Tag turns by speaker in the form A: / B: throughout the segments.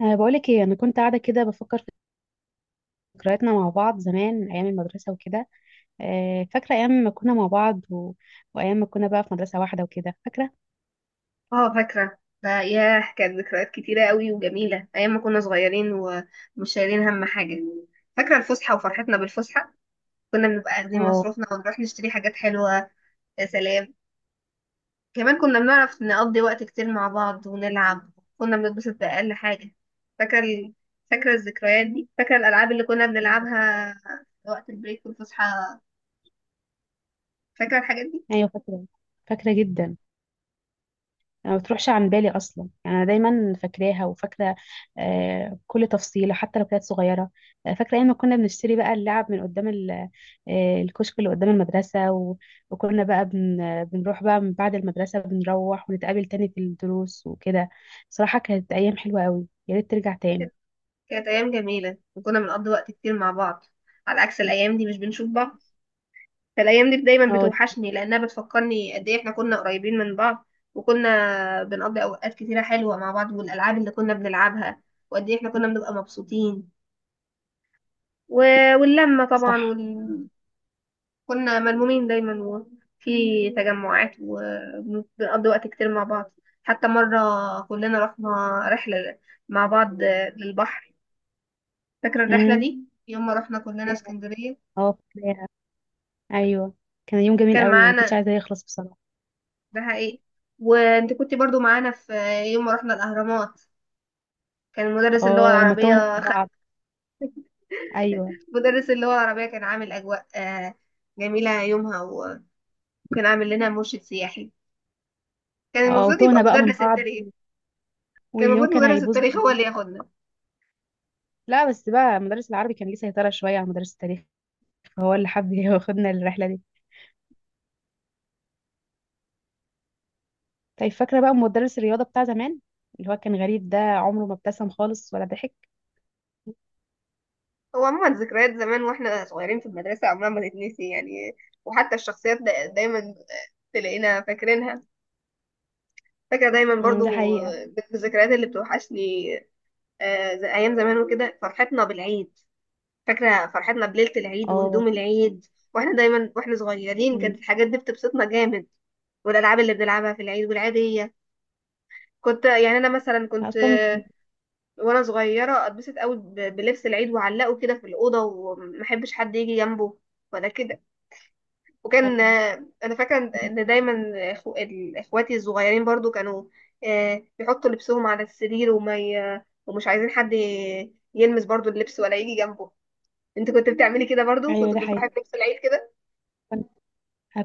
A: بقولك ايه، انا كنت قاعده كده بفكر في ذكرياتنا مع بعض زمان ايام المدرسه وكده. فاكره ايام ما كنا مع بعض وايام ما كنا بقى في مدرسه واحده وكده فاكره.
B: اه، فاكرة ده. ياه، كانت ذكريات كتيرة قوي وجميلة أيام ما كنا صغيرين ومش شايلين هم حاجة. فاكرة الفسحة وفرحتنا بالفسحة. كنا بنبقى واخدين
A: اه،
B: مصروفنا ونروح نشتري حاجات حلوة. يا سلام. كمان كنا بنعرف نقضي وقت كتير مع بعض ونلعب. كنا بنتبسط بأقل حاجة. فاكرة ال... فاكرة الذكريات دي. فاكرة الألعاب اللي كنا بنلعبها وقت البريك والفسحة. فاكرة الحاجات دي.
A: ايوه فاكره، فاكره جدا. يعني ما بتروحش عن بالي اصلا، يعني انا دايما فاكراها وفاكره كل تفصيله حتى لو كانت صغيره. فاكره ايام ما كنا بنشتري بقى اللعب من قدام الكشك اللي قدام المدرسه وكنا بقى بن آه، بنروح بقى من بعد المدرسه، بنروح ونتقابل تاني في الدروس وكده. صراحه كانت ايام حلوه قوي، يا ريت ترجع تاني.
B: كانت كانت أيام جميلة وكنا بنقضي وقت كتير مع بعض، على عكس الأيام دي مش بنشوف بعض. فالايام دي دايما
A: اه.
B: بتوحشني لانها بتفكرني قد ايه احنا كنا قريبين من بعض. وكنا بنقضي اوقات كتيره حلوه مع بعض والالعاب اللي كنا بنلعبها، وقد ايه احنا كنا بنبقى مبسوطين و... واللمه طبعا
A: صح.
B: كنا ملمومين دايما وفي تجمعات وبنقضي وقت كتير مع بعض. حتى مره كلنا رحنا رحله مع بعض للبحر. فاكره الرحله
A: امم.
B: دي، يوم ما رحنا كلنا اسكندريه.
A: اه فاكراها، ايوه. كان يوم جميل
B: كان
A: قوي وما كنتش
B: معانا،
A: عايزاه يخلص بصراحه.
B: ده حقيقي. وانت كنت برضو معانا في يوم ما رحنا الاهرامات. كان مدرس اللغه
A: اه لما توهنا
B: العربيه
A: من
B: خد.
A: بعض. ايوه.
B: مدرس اللغه العربيه كان عامل اجواء جميله يومها، وكان عامل لنا مرشد سياحي. كان
A: اه
B: المفروض يبقى
A: وتوهنا بقى من
B: مدرس
A: بعض،
B: التاريخ. كان
A: واليوم
B: المفروض
A: كان
B: مدرس
A: هيبوظ
B: التاريخ هو اللي
A: مننا.
B: ياخدنا.
A: لا، بس بقى مدرس العربي كان ليه سيطرة شوية على مدرس التاريخ، فهو اللي حب ياخدنا الرحلة دي. طيب، فاكرة بقى مدرس الرياضة بتاع زمان، اللي هو كان غريب، ده عمره ما ابتسم خالص ولا ضحك.
B: هو عموما ذكريات زمان واحنا صغيرين في المدرسه عمرها ما تتنسي يعني. وحتى الشخصيات دايما تلاقينا فاكرينها. فاكره دايما
A: أمم، ده
B: برضو
A: حقيقة.
B: بالذكريات اللي بتوحشني. زي ايام زمان وكده فرحتنا بالعيد. فاكرة فرحتنا بليلة العيد
A: اه.
B: وهدوم العيد. واحنا دايما واحنا صغيرين كانت
A: أمم.
B: الحاجات دي بتبسطنا جامد. والألعاب اللي بنلعبها في العيد والعيدية. كنت يعني أنا مثلا كنت
A: أصلا.
B: وأنا صغيرة أتبسط قوي بلبس العيد وأعلقه كده في الأوضة ومحبش حد يجي جنبه ولا كده. وكان
A: أيوه.
B: أنا فاكرة إن دايما إخواتي الصغيرين برضو كانوا بيحطوا لبسهم على السرير ومش عايزين حد يلمس برضو اللبس ولا يجي جنبه. انت كنت بتعملي كده برضو،
A: أيوه،
B: كنت
A: ده
B: بتصاحبي
A: حقيقة.
B: في نفس العيد كده؟
A: كنت،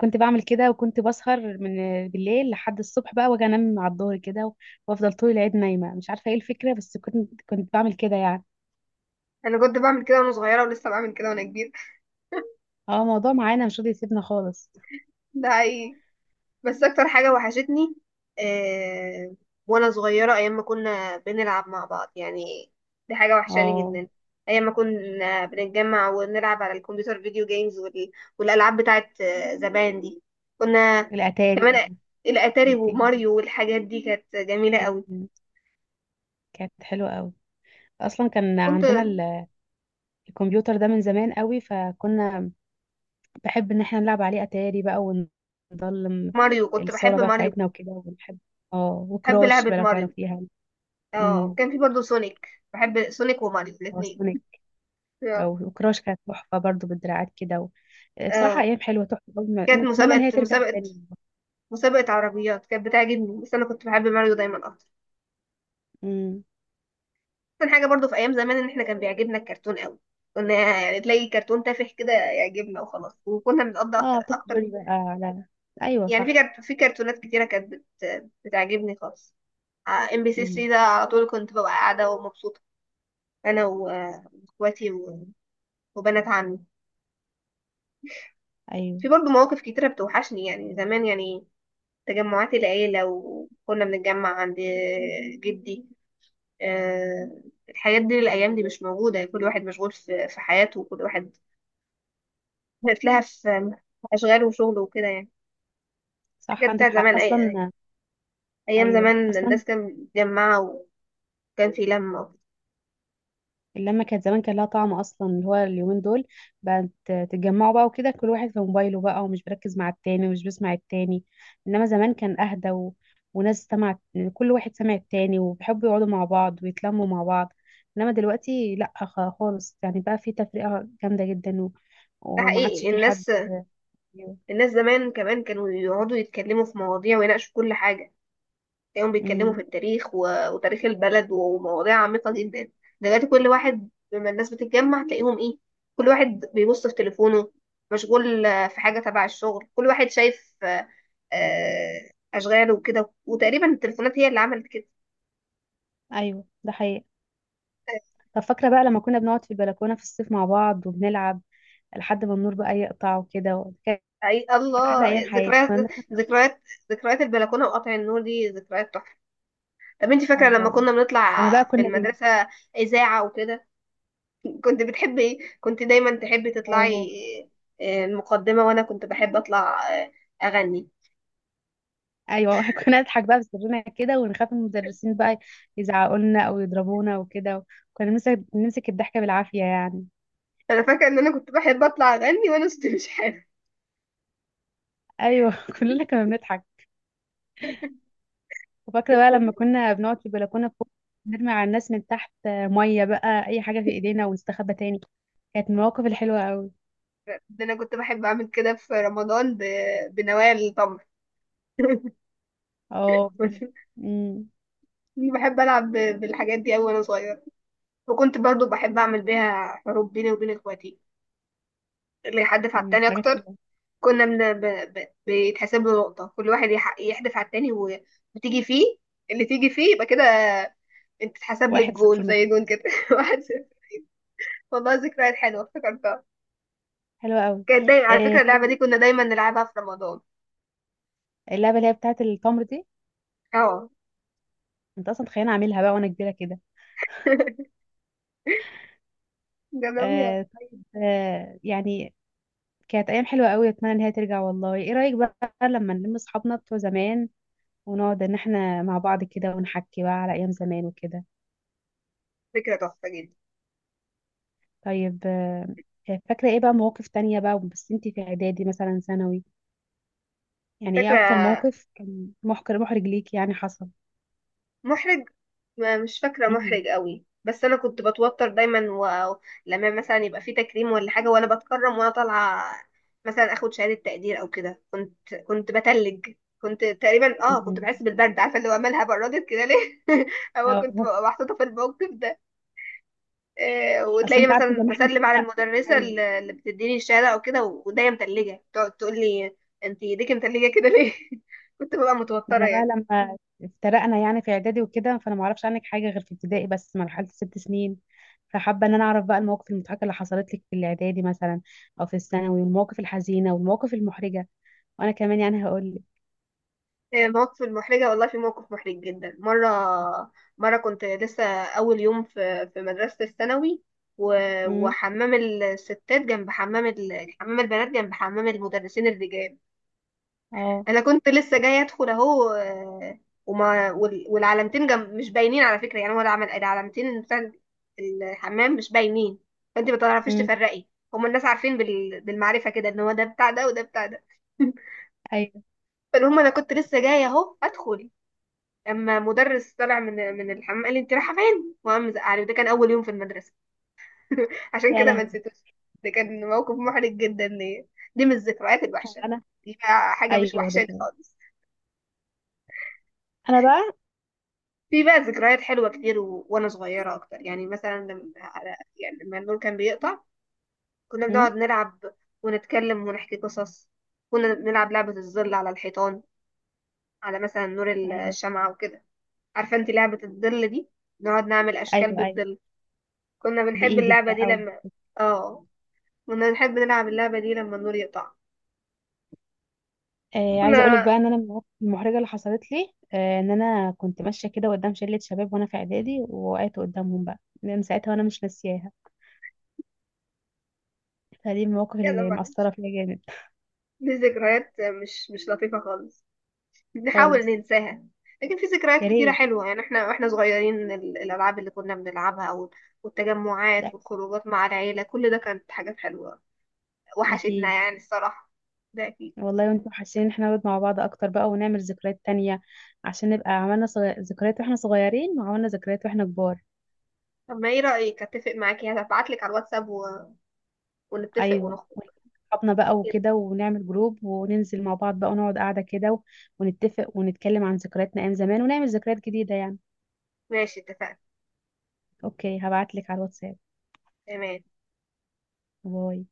A: كنت بعمل كده وكنت بسهر من بالليل لحد الصبح بقى، واجي انام على الظهر كده، وافضل طول العيد نايمة، مش عارفة ايه الفكرة، بس كنت بعمل كده يعني.
B: انا كنت بعمل كده وانا صغيره ولسه بعمل كده وانا كبير.
A: اه، الموضوع معانا مش راضي يسيبنا خالص.
B: ده حقيقي. بس اكتر حاجه وحشتني آه وانا صغيره، ايام ما كنا بنلعب مع بعض يعني. دي حاجه وحشاني
A: اه،
B: جدا. ايام ما كنا بنتجمع ونلعب على الكمبيوتر فيديو جيمز والالعاب بتاعت زمان دي. كنا
A: الأتاري.
B: كمان الاتاري
A: ودي.
B: وماريو والحاجات دي كانت جميله قوي.
A: مم. كانت حلوة قوي، اصلا كان
B: كنت
A: عندنا الكمبيوتر ده من زمان قوي، فكنا بحب ان احنا نلعب عليه اتاري بقى ونضلم
B: كنت
A: الصالة
B: بحب
A: بقى
B: ماريو.
A: بتاعتنا وكده، ونحب. اه
B: بحب
A: وكراش
B: لعبه
A: بقى لو
B: ماريو.
A: تعرفيها.
B: اه،
A: امم.
B: وكان في برضه سونيك، بحب سونيك وماريو
A: او
B: الاثنين.
A: سونيك.
B: اه.
A: او وكراش كانت تحفة برضو بالدراعات كده بصراحة
B: اه.
A: ايام حلوة تحفة قوي.
B: كانت
A: نتمنى ان هي ترجع تاني.
B: مسابقة عربيات كانت بتعجبني، بس انا كنت بحب ماريو دايما اكتر.
A: امم.
B: كان حاجة برضه في ايام زمان ان احنا كان بيعجبنا الكرتون قوي. كنا يعني تلاقي كرتون تافه كده يعجبنا وخلاص، وكنا بنقضي اكتر
A: اه توم
B: اكتر.
A: جوري بقى على. ايوه
B: يعني
A: صح.
B: في كرتونات كتيرة كانت بتعجبني خالص. ام بي سي
A: امم.
B: 3 ده على طول كنت ببقى قاعدة ومبسوطة. انا واخواتي وبنات عمي.
A: ايوه.
B: في برضه مواقف كتيرة بتوحشني يعني زمان يعني. تجمعات العيلة وكنا بنتجمع عند جدي آه، الحاجات دي، الأيام دي مش موجودة يعني. كل واحد مشغول في حياته، وكل واحد لها في أشغاله وشغله وكده يعني.
A: صح،
B: الحاجات
A: عندك
B: بتاعت
A: حق
B: زمان.
A: اصلا.
B: أيام
A: ايوه
B: زمان
A: اصلا.
B: الناس كانت متجمعة وكان في لمة.
A: اللمة كانت زمان كان لها طعم، أصلا اللي هو اليومين دول بقت تتجمعوا بقى وكده، كل واحد في موبايله بقى ومش بركز مع التاني ومش بسمع التاني. إنما زمان كان أهدى وناس سمعت، كل واحد سمع التاني وبيحبوا يقعدوا مع بعض ويتلموا مع بعض. إنما دلوقتي لأ، خالص يعني، بقى في تفرقة جامدة جدا
B: ده
A: وما عادش
B: حقيقي.
A: في حد.
B: الناس زمان كمان كانوا يقعدوا يتكلموا في مواضيع ويناقشوا كل حاجة. تلاقيهم بيتكلموا
A: امم.
B: في التاريخ وتاريخ البلد ومواضيع عميقة جدا. دلوقتي كل واحد، لما الناس بتتجمع تلاقيهم ايه؟ كل واحد بيبص في تليفونه، مشغول في حاجة تبع الشغل. كل واحد شايف أشغاله وكده. وتقريبا التليفونات هي اللي عملت كده.
A: أيوه ده حقيقي. طب فاكرة بقى لما كنا بنقعد في البلكونة في الصيف مع بعض وبنلعب لحد ما النور بقى يقطع وكده، كانت
B: اي
A: أحلى
B: الله،
A: أيام حياتي. كنا بنضحك.
B: ذكريات ذكريات البلكونه وقطع النور، دي ذكريات تحفه. طب انت فاكره لما
A: اه
B: كنا
A: لما
B: بنطلع
A: بقى
B: في
A: كنا بين.
B: المدرسه اذاعه وكده؟ كنت دايما تحبي
A: اه.
B: تطلعي المقدمة، وانا كنت بحب اطلع اغني.
A: ايوه كنا نضحك بقى بسرنا كده ونخاف من المدرسين بقى يزعقوا لنا او يضربونا وكده. كنا نمسك الضحكه بالعافيه يعني.
B: انا فاكرة ان انا كنت بحب اطلع اغني وانا صوتي مش حلو.
A: ايوه كلنا كنا بنضحك. وفاكره بقى لما كنا بنقعد في البلكونه فوق نرمي على الناس من تحت ميه بقى، اي حاجه في ايدينا، ونستخبى تاني. كانت المواقف الحلوه قوي.
B: ده انا كنت بحب اعمل كده في رمضان بنوايا التمر.
A: اه بجد.
B: كنت
A: أمم.
B: بحب العب بالحاجات دي اوي وانا صغيرة، وكنت برضو بحب اعمل بيها حروب بيني وبين اخواتي، اللي يحدف على
A: أمم،
B: التاني
A: حاجات
B: اكتر.
A: حلوه.
B: كنا من... ب... ب... بيتحسب له نقطة، كل واحد يحدف على التاني وتيجي فيه، اللي تيجي فيه يبقى كده. انت اتحسب لك
A: واحد صفر
B: جون، زي
A: مثلا.
B: جون كده. واحد صفر. والله ذكريات حلوه افتكرتها.
A: حلوه قوي.
B: كانت دايما على
A: آه
B: فكره، اللعبه
A: طيب.
B: دي كنا دايما نلعبها في رمضان.
A: اللعبه اللي هي بتاعت التمر دي،
B: اه.
A: انت اصلا تخيل اعملها بقى وانا كبيره كده.
B: جربيها.
A: آه طيب آه يعني، كانت ايام حلوه قوي. اتمنى ان هي ترجع، والله ايه رايك بقى لما نلم اصحابنا بتوع زمان ونقعد ان احنا مع بعض كده ونحكي بقى على ايام زمان وكده.
B: فكره تحفه جدا.
A: طيب آه. فاكره ايه بقى مواقف تانية بقى، بس انتي في اعدادي مثلا ثانوي، يعني ايه اكتر
B: فاكره
A: موقف كان محرج ليك يعني حصل؟
B: محرج ما مش فاكره محرج
A: امم.
B: قوي، بس انا كنت بتوتر دايما. لما مثلا يبقى في تكريم ولا حاجه وانا بتكرم وانا طالعه مثلا اخد شهاده تقدير او كده، كنت بتلج. كنت تقريبا كنت بحس
A: أمم.
B: بالبرد، عارفه اللي هو مالها بردت كده ليه؟ هو كنت
A: أو-
B: ببقى محطوطه في الموقف ده.
A: اصل
B: وتلاقيني
A: انت عارفه زي
B: مثلا
A: ما احنا
B: بسلم على المدرسة
A: ايوه،
B: اللي بتديني الشهادة أو كده، وإيديا متلجة، تقعد تقول لي: أنت إيديك متلجة كده ليه؟ كنت ببقى
A: ما
B: متوترة
A: احنا بقى
B: يعني.
A: لما افترقنا يعني في اعدادي وكده، فانا ما اعرفش عنك حاجه غير في ابتدائي بس مرحله الست سنين، فحابه ان انا اعرف بقى المواقف المضحكه اللي حصلت لك في الاعدادي مثلا او في الثانوي، والمواقف الحزينه والمواقف المحرجه، وانا كمان يعني هقول لك.
B: مواقف المحرجة، والله في موقف محرج جدا مرة. كنت لسه أول يوم في مدرسة الثانوي،
A: امم.
B: وحمام الستات جنب حمام حمام البنات جنب حمام المدرسين الرجال.
A: اه.
B: انا كنت لسه جايه ادخل اهو والعلامتين جم مش باينين على فكره يعني. هو العلامتين بتاع الحمام مش باينين، فانت ما تعرفيش
A: امم.
B: تفرقي. هما الناس عارفين بالمعرفه كده، ان هو ده بتاع ده وده بتاع ده.
A: ايوه.
B: فالمهم انا كنت لسه جايه اهو ادخل، اما مدرس طلع من الحمام قال لي: انت رايحه فين؟ وقام زعلي، ده كان اول يوم في المدرسه. عشان
A: يا
B: كده ما
A: لهوي.
B: نسيتوش. ده كان موقف محرج جدا ليا. دي من الذكريات الوحشه،
A: انا.
B: دي بقى حاجه مش
A: ايوه ده
B: وحشاني
A: فعلا.
B: خالص.
A: انا بقى.
B: في بقى ذكريات حلوة كتير وأنا صغيرة أكتر. يعني مثلا لما، يعني لما النور كان بيقطع، كنا
A: امم.
B: بنقعد نلعب ونتكلم ونحكي قصص. كنا بنلعب لعبة الظل على الحيطان، على مثلا نور
A: ايوه.
B: الشمعة وكده. عارفة انت لعبة الظل دي؟ نقعد نعمل أشكال
A: ايوه. ايوه
B: بالظل. كنا بنحب
A: بايدك
B: اللعبة دي
A: بقى.
B: لما اه كنا بنحب نلعب اللعبة دي لما النور يقطع.
A: آه، عايزه اقول لك
B: كنا،
A: بقى ان انا من المواقف المحرجه اللي حصلت لي، آه ان انا كنت ماشيه كده قدام شله شباب وانا في اعدادي، ووقعت قدامهم بقى، من ساعتها وانا مش ناسياها. فدي المواقف
B: يلا
A: اللي
B: معلش،
A: مأثره فيا جامد.
B: دي ذكريات مش لطيفة خالص، بنحاول
A: خالص.
B: ننساها. لكن في ذكريات
A: يا
B: كتيرة
A: ريت.
B: حلوة يعني، احنا واحنا صغيرين الألعاب اللي كنا بنلعبها
A: لا.
B: والتجمعات والخروجات مع العيلة، كل ده كانت حاجات حلوة. وحشتنا
A: اكيد.
B: يعني الصراحة. ده أكيد.
A: والله وانتم حاسين ان احنا نقعد مع بعض اكتر بقى ونعمل ذكريات تانية، عشان نبقى عملنا ذكريات واحنا صغيرين وعملنا ذكريات واحنا كبار.
B: طب ما ايه رأيك؟ اتفق معاكي هبعتلك على الواتساب ونتفق
A: ايوه.
B: ونخرج
A: صحابنا بقى
B: كده.
A: وكده، ونعمل جروب وننزل مع بعض بقى ونقعد قاعده كده، ونتفق ونتكلم عن ذكرياتنا ايام زمان ونعمل ذكريات جديده يعني.
B: ماشي، اتفقنا.
A: اوكي، هبعتلك على الواتساب.
B: تمام.
A: باي